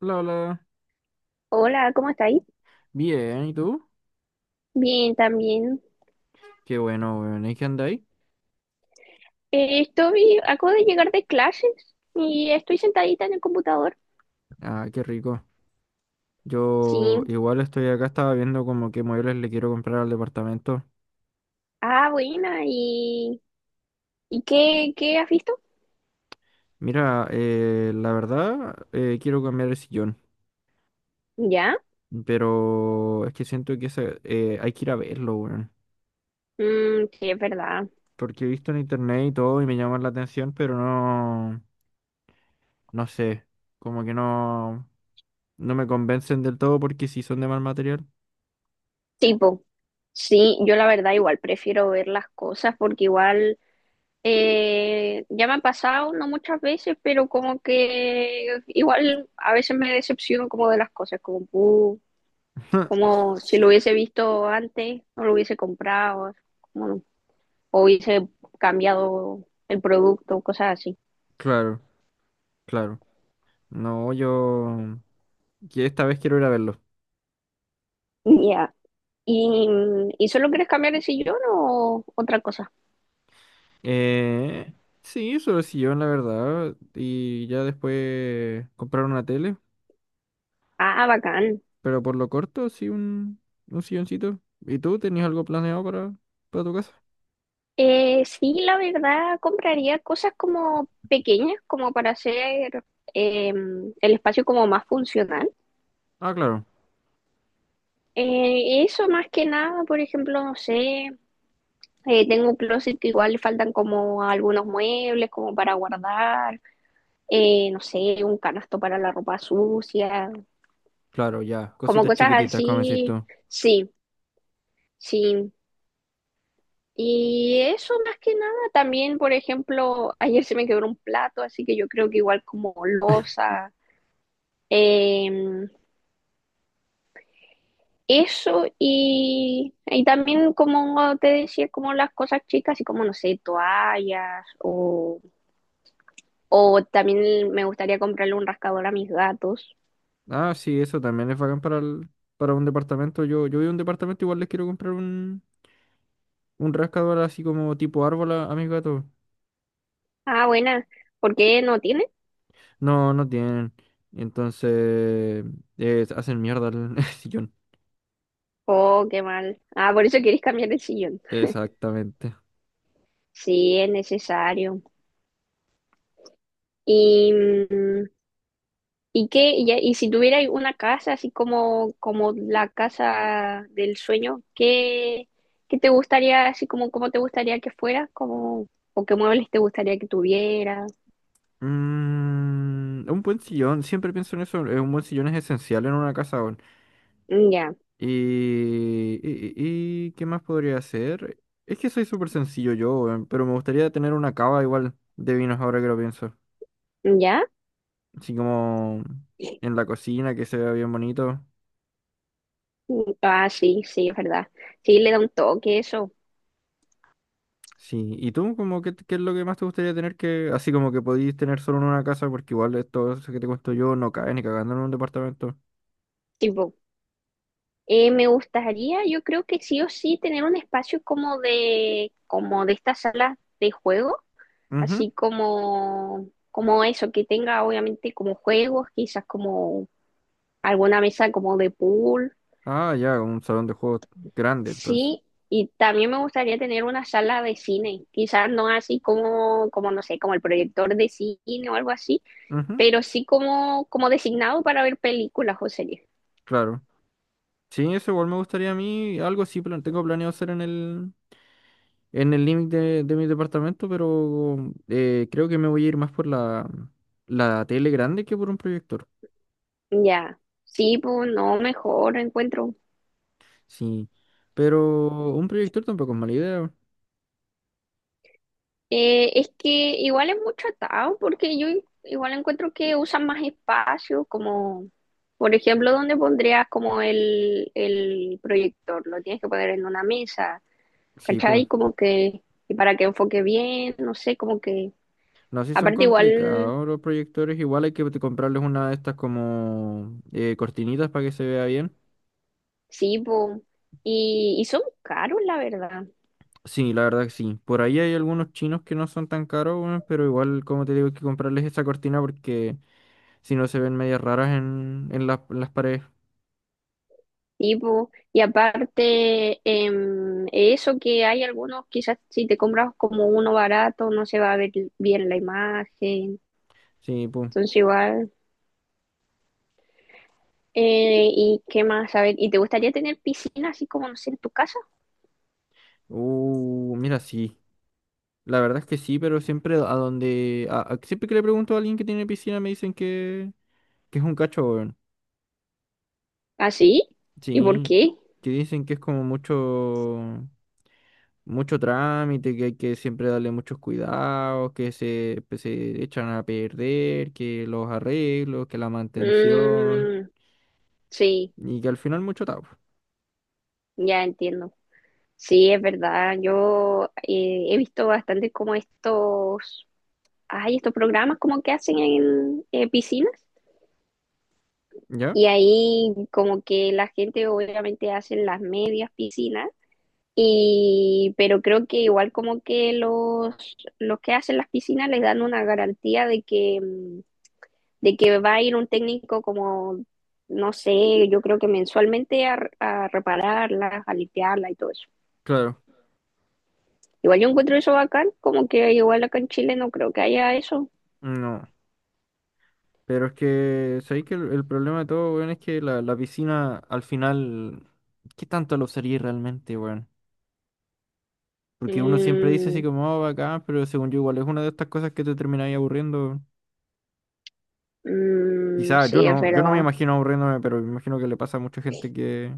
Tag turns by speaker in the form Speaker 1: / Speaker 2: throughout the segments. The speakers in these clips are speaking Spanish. Speaker 1: Hola, hola.
Speaker 2: Hola, ¿cómo estáis?
Speaker 1: Bien, ¿y tú?
Speaker 2: Bien, también.
Speaker 1: Qué bueno, weón. ¿Y qué andáis?
Speaker 2: Acabo de llegar de clases y estoy sentadita en el computador.
Speaker 1: Ah, qué rico. Yo
Speaker 2: Sí.
Speaker 1: igual estoy acá, estaba viendo como qué muebles le quiero comprar al departamento.
Speaker 2: Ah, buena. ¿Y qué has visto?
Speaker 1: Mira, la verdad, quiero cambiar el sillón.
Speaker 2: ¿Ya?
Speaker 1: Pero es que siento que ese, hay que ir a verlo, weón.
Speaker 2: Mm, sí, es verdad.
Speaker 1: Porque he visto en internet y todo y me llama la atención, pero no, no sé. Como que no, no me convencen del todo porque si son de mal material.
Speaker 2: Tipo, sí, yo la verdad igual prefiero ver las cosas porque igual ya me ha pasado, no muchas veces, pero como que igual a veces me decepciono como de las cosas, como, como si lo hubiese visto antes, no lo hubiese comprado. Como o hubiese cambiado el producto, cosas así.
Speaker 1: Claro, claro. No, yo. Que esta vez quiero ir a verlo.
Speaker 2: Ya. ¿Y, ¿Y solo quieres cambiar el sillón o otra cosa?
Speaker 1: Eh, sí, solo sillón, la verdad. Y ya después comprar una tele.
Speaker 2: Ah, bacán.
Speaker 1: Pero por lo corto, sí, un silloncito. ¿Y tú tenías algo planeado para tu casa?
Speaker 2: Sí, la verdad, compraría cosas como pequeñas, como para hacer eh, el espacio como más funcional.
Speaker 1: Ah, claro,
Speaker 2: Eso más que nada, por ejemplo, no sé, tengo un closet que igual le faltan como algunos muebles como para guardar, no sé, un canasto para la ropa sucia,
Speaker 1: claro, ya.
Speaker 2: como
Speaker 1: Cositas
Speaker 2: cosas
Speaker 1: chiquititas, como decís
Speaker 2: así,
Speaker 1: tú.
Speaker 2: sí, sí. Y eso más que nada, también, por ejemplo, ayer se me quebró un plato, así que yo creo que igual como losa, em, eso y también como te decía, como las cosas chicas, y como, no sé, toallas o también me gustaría comprarle un rascador a mis gatos.
Speaker 1: Ah, sí, eso también es bacán para, para un departamento. Yo vi un departamento, igual les quiero comprar un rascador así como tipo árbol a mis gatos.
Speaker 2: Ah, buena, ¿por qué no tiene?
Speaker 1: No, no tienen. Entonces, hacen mierda el sillón.
Speaker 2: Oh, qué mal. Ah, por eso quieres cambiar el sillón.
Speaker 1: Exactamente.
Speaker 2: Sí, es necesario. Y, mm, y si tuvierais una casa, así como, como la casa del sueño, ¿qué te gustaría, así como cómo te gustaría que fuera? Como, ¿o qué muebles te gustaría que tuviera?
Speaker 1: Mm, un buen sillón, siempre pienso en eso. Un buen sillón es esencial en una casa. Weón.
Speaker 2: Mm. Ya.
Speaker 1: ¿Qué más podría hacer? Es que soy súper sencillo yo, weón, pero me gustaría tener una cava igual de vinos ahora que lo pienso.
Speaker 2: Mm, ya.
Speaker 1: Así como en la cocina, que se vea bien bonito.
Speaker 2: Mm. Ah, sí, sí, es verdad. Sí, le da un toque eso.
Speaker 1: Sí, ¿y tú como qué, qué es lo que más te gustaría tener que, así como que podís tener solo en una casa, porque igual esto eso que te cuento yo no cae ni cagando en un departamento?
Speaker 2: Tipo, me gustaría, yo creo que sí o sí, tener un espacio como de esta sala de juego,
Speaker 1: Ujú.
Speaker 2: así como, como eso, que tenga obviamente como juegos, quizás como alguna mesa como de pool,
Speaker 1: Ah, ya, un salón de juegos grande, entonces.
Speaker 2: sí, y también me gustaría tener una sala de cine, quizás no así como, como no sé, como el proyector de cine o algo así,
Speaker 1: Ujú,
Speaker 2: pero sí como, como designado para ver películas o series.
Speaker 1: claro. Sí, eso igual me gustaría a mí. Algo sí tengo planeado hacer en el límite de mi departamento, pero creo que me voy a ir más por la, la tele grande que por un proyector.
Speaker 2: Ya, sí, pues no, mejor encuentro.
Speaker 1: Sí. Pero un proyector tampoco es mala idea.
Speaker 2: Es que igual es mucho atado, porque yo igual encuentro que usan más espacio, como, por ejemplo, ¿dónde pondrías como el proyector? Lo tienes que poner en una mesa,
Speaker 1: Sí, pues.
Speaker 2: ¿cachai? Como que, y para que enfoque bien, no sé, como que,
Speaker 1: No, sí son
Speaker 2: aparte igual,
Speaker 1: complicados los proyectores. Igual hay que comprarles una de estas como cortinitas para que se vea bien.
Speaker 2: sí, po, y son caros, la verdad,
Speaker 1: Sí, la verdad que sí. Por ahí hay algunos chinos que no son tan caros, weón, pero igual, como te digo, hay que comprarles esa cortina porque si no se ven medias raras en en las paredes.
Speaker 2: sí, po, y aparte, eso que hay algunos, quizás si te compras como uno barato, no se va a ver bien la imagen,
Speaker 1: Sí, pum.
Speaker 2: entonces igual, y qué más, a ver, ¿y te gustaría tener piscina así como, no sé, en tu casa?
Speaker 1: Mira, sí. La verdad es que sí, pero siempre a donde. Siempre que le pregunto a alguien que tiene piscina me dicen que es un cacho, weón.
Speaker 2: ¿Así? ¿Y por
Speaker 1: Sí.
Speaker 2: qué?
Speaker 1: Que dicen que es como mucho. Mucho trámite, que hay que siempre darle muchos cuidados, que se, pues, se echan a perder, que los arreglos, que la mantención.
Speaker 2: Mm, sí,
Speaker 1: Y que al final mucho tabo.
Speaker 2: ya entiendo. Sí, es verdad. Yo he visto bastante como estos, hay estos programas como que hacen en piscinas
Speaker 1: ¿Ya?
Speaker 2: y ahí como que la gente obviamente hace las medias piscinas y pero creo que igual como que los que hacen las piscinas les dan una garantía de que mm, de que va a ir un técnico como no sé, yo creo que mensualmente a repararlas, a limpiarlas y todo eso.
Speaker 1: Claro.
Speaker 2: Igual yo encuentro eso bacán, como que igual acá en Chile no creo que haya eso.
Speaker 1: No. Pero es que, ¿sabéis que el problema de todo, weón, es que la piscina al final, ¿qué tanto lo usaría realmente, weón? Porque uno siempre dice así
Speaker 2: Mm.
Speaker 1: como, oh, bacán, pero según yo igual es una de estas cosas que te termináis aburriendo.
Speaker 2: Mm,
Speaker 1: Quizás yo
Speaker 2: sí, es
Speaker 1: no, yo no me
Speaker 2: verdad.
Speaker 1: imagino aburriéndome, pero me imagino que le pasa a mucha gente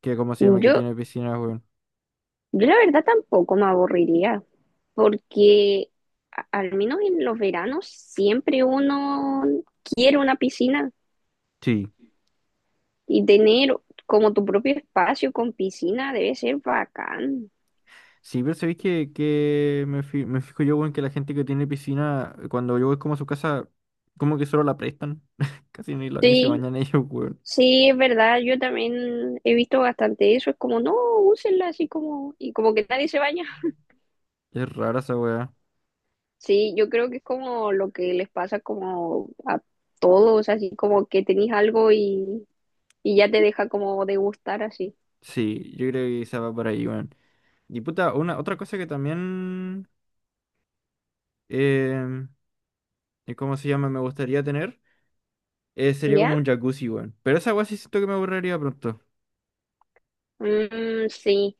Speaker 1: que ¿cómo se llama? Que
Speaker 2: Yo,
Speaker 1: tiene piscinas, weón.
Speaker 2: yo la verdad tampoco me aburriría, porque a- al menos en los veranos siempre uno quiere una piscina
Speaker 1: Sí.
Speaker 2: y tener como tu propio espacio con piscina debe ser bacán.
Speaker 1: Sí, pero ¿sabéis que me fijo yo, weón, que la gente que tiene piscina, cuando yo voy como a su casa, como que solo la prestan. Casi ni, ni se
Speaker 2: Sí,
Speaker 1: bañan ellos, weón.
Speaker 2: sí, es verdad, yo también he visto bastante eso, es como, no, úsenla así como, y como que nadie se baña.
Speaker 1: Es rara esa weá.
Speaker 2: Sí, yo creo que es como lo que les pasa como a todos, así como que tenéis algo y ya te deja como de gustar así.
Speaker 1: Sí, yo creo que quizá va por ahí, weón. Y puta, una, otra cosa que también, em, ¿cómo se llama? Me gustaría tener, sería
Speaker 2: ¿Ya?
Speaker 1: como un jacuzzi, weón. Pero esa weá sí siento que me aburriría pronto.
Speaker 2: Mm, sí.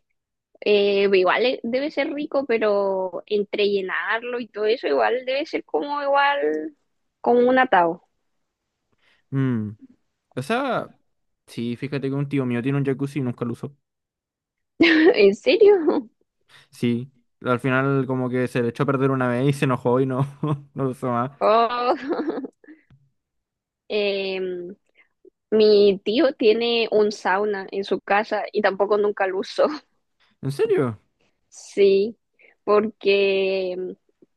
Speaker 2: Igual debe ser rico, pero entre llenarlo y todo eso, igual debe ser como igual, como un atado.
Speaker 1: Mm, O sea, sí, fíjate que un tío mío tiene un jacuzzi y nunca lo usó.
Speaker 2: ¿En serio?
Speaker 1: Sí, al final como que se le echó a perder una vez y se enojó y no, no lo usó más.
Speaker 2: Oh. Em, Mi tío tiene un sauna en su casa y tampoco nunca lo usó.
Speaker 1: ¿En serio?
Speaker 2: Sí, porque,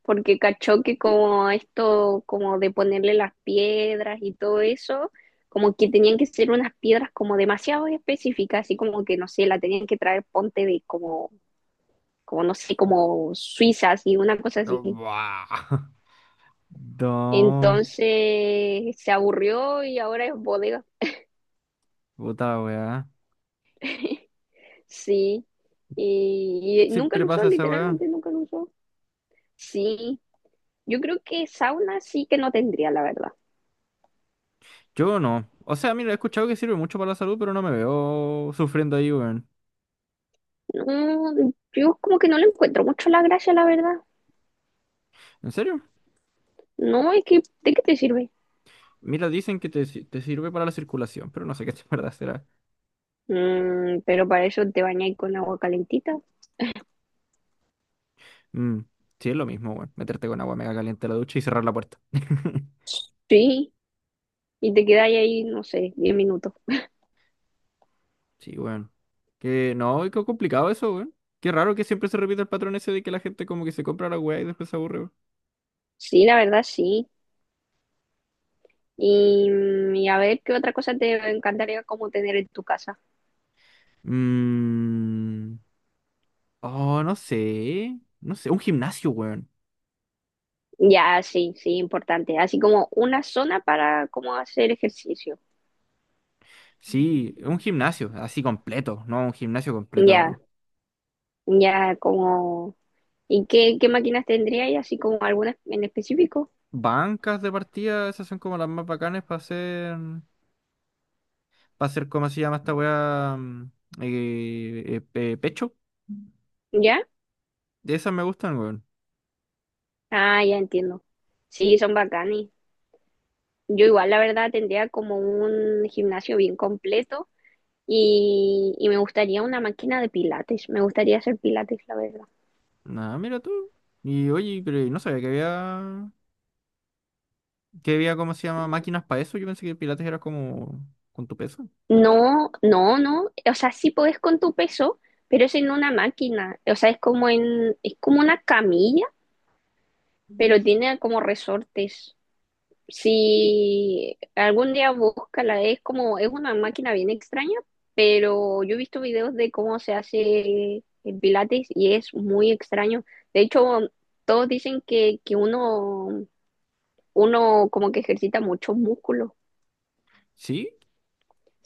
Speaker 2: porque cachó que como esto, como de ponerle las piedras y todo eso, como que tenían que ser unas piedras como demasiado específicas, así como que, no sé, la tenían que traer ponte de como, como no sé, como suizas y una cosa así.
Speaker 1: No, buah. No,
Speaker 2: Entonces se aburrió y ahora es bodega.
Speaker 1: puta weá.
Speaker 2: Sí, y nunca
Speaker 1: Siempre
Speaker 2: lo usó,
Speaker 1: pasa esa weá.
Speaker 2: literalmente nunca lo usó. Sí, yo creo que sauna sí que no tendría, la verdad.
Speaker 1: Yo no. O sea, mira, he escuchado que sirve mucho para la salud, pero no me veo sufriendo ahí, weón.
Speaker 2: No, yo como que no le encuentro mucho la gracia, la verdad.
Speaker 1: ¿En serio?
Speaker 2: No, es que, ¿de qué te sirve?
Speaker 1: Mira, dicen que te, te sirve para la circulación, pero no sé qué es verdad será.
Speaker 2: Mm, pero para eso te bañáis con agua calentita.
Speaker 1: Mm, sí, es lo mismo, weón. Meterte con agua mega caliente a la ducha y cerrar la puerta.
Speaker 2: Sí, y te quedáis ahí, no sé, 10 minutos.
Speaker 1: Sí, weón. Que no, qué complicado eso, weón. Qué raro que siempre se repite el patrón ese de que la gente como que se compra la weá y después se aburre, weón.
Speaker 2: Sí, la verdad, sí. Y a ver, ¿qué otra cosa te encantaría como tener en tu casa?
Speaker 1: Mm, oh, no sé. No sé, un gimnasio, weón.
Speaker 2: Ya, sí, sí, importante. Así como una zona para como hacer ejercicio.
Speaker 1: Sí, un gimnasio, así completo, no, un gimnasio completo,
Speaker 2: Ya,
Speaker 1: weón.
Speaker 2: ya, como... ¿Y qué máquinas tendríais? Así como alguna en específico.
Speaker 1: Bancas de partida, esas son como las más bacanas para hacer, ¿cómo se llama esta weá? Mm, pecho.
Speaker 2: ¿Ya?
Speaker 1: De esas me gustan, weón.
Speaker 2: Ah, ya entiendo. Sí, son bacanes. Yo igual, la verdad, tendría como un gimnasio bien completo y me gustaría una máquina de pilates. Me gustaría hacer pilates, la verdad.
Speaker 1: Nada, mira tú. Y oye, pero no sabía que había, ¿cómo se llama? Máquinas para eso. Yo pensé que Pilates era como con tu peso.
Speaker 2: No, no, no. O sea, sí podés con tu peso, pero es en una máquina. O sea, es como una camilla, pero tiene como resortes. Si algún día búscala, es como, es una máquina bien extraña, pero yo he visto videos de cómo se hace el pilates y es muy extraño. De hecho, todos dicen que, que uno como que ejercita muchos músculos.
Speaker 1: ¿Sí?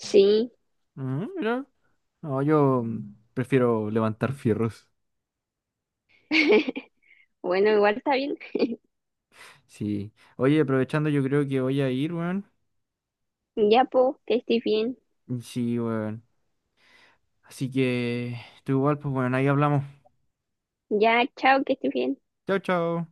Speaker 2: Sí,
Speaker 1: Mm, mira. No, yo prefiero levantar fierros.
Speaker 2: bueno, igual está bien.
Speaker 1: Sí. Oye, aprovechando, yo creo que voy a ir, weón.
Speaker 2: Ya, po, que estés bien.
Speaker 1: Sí, weón. Así que, tú igual, pues, bueno, ahí hablamos.
Speaker 2: Ya, chao, que estés bien.
Speaker 1: Chao, chao.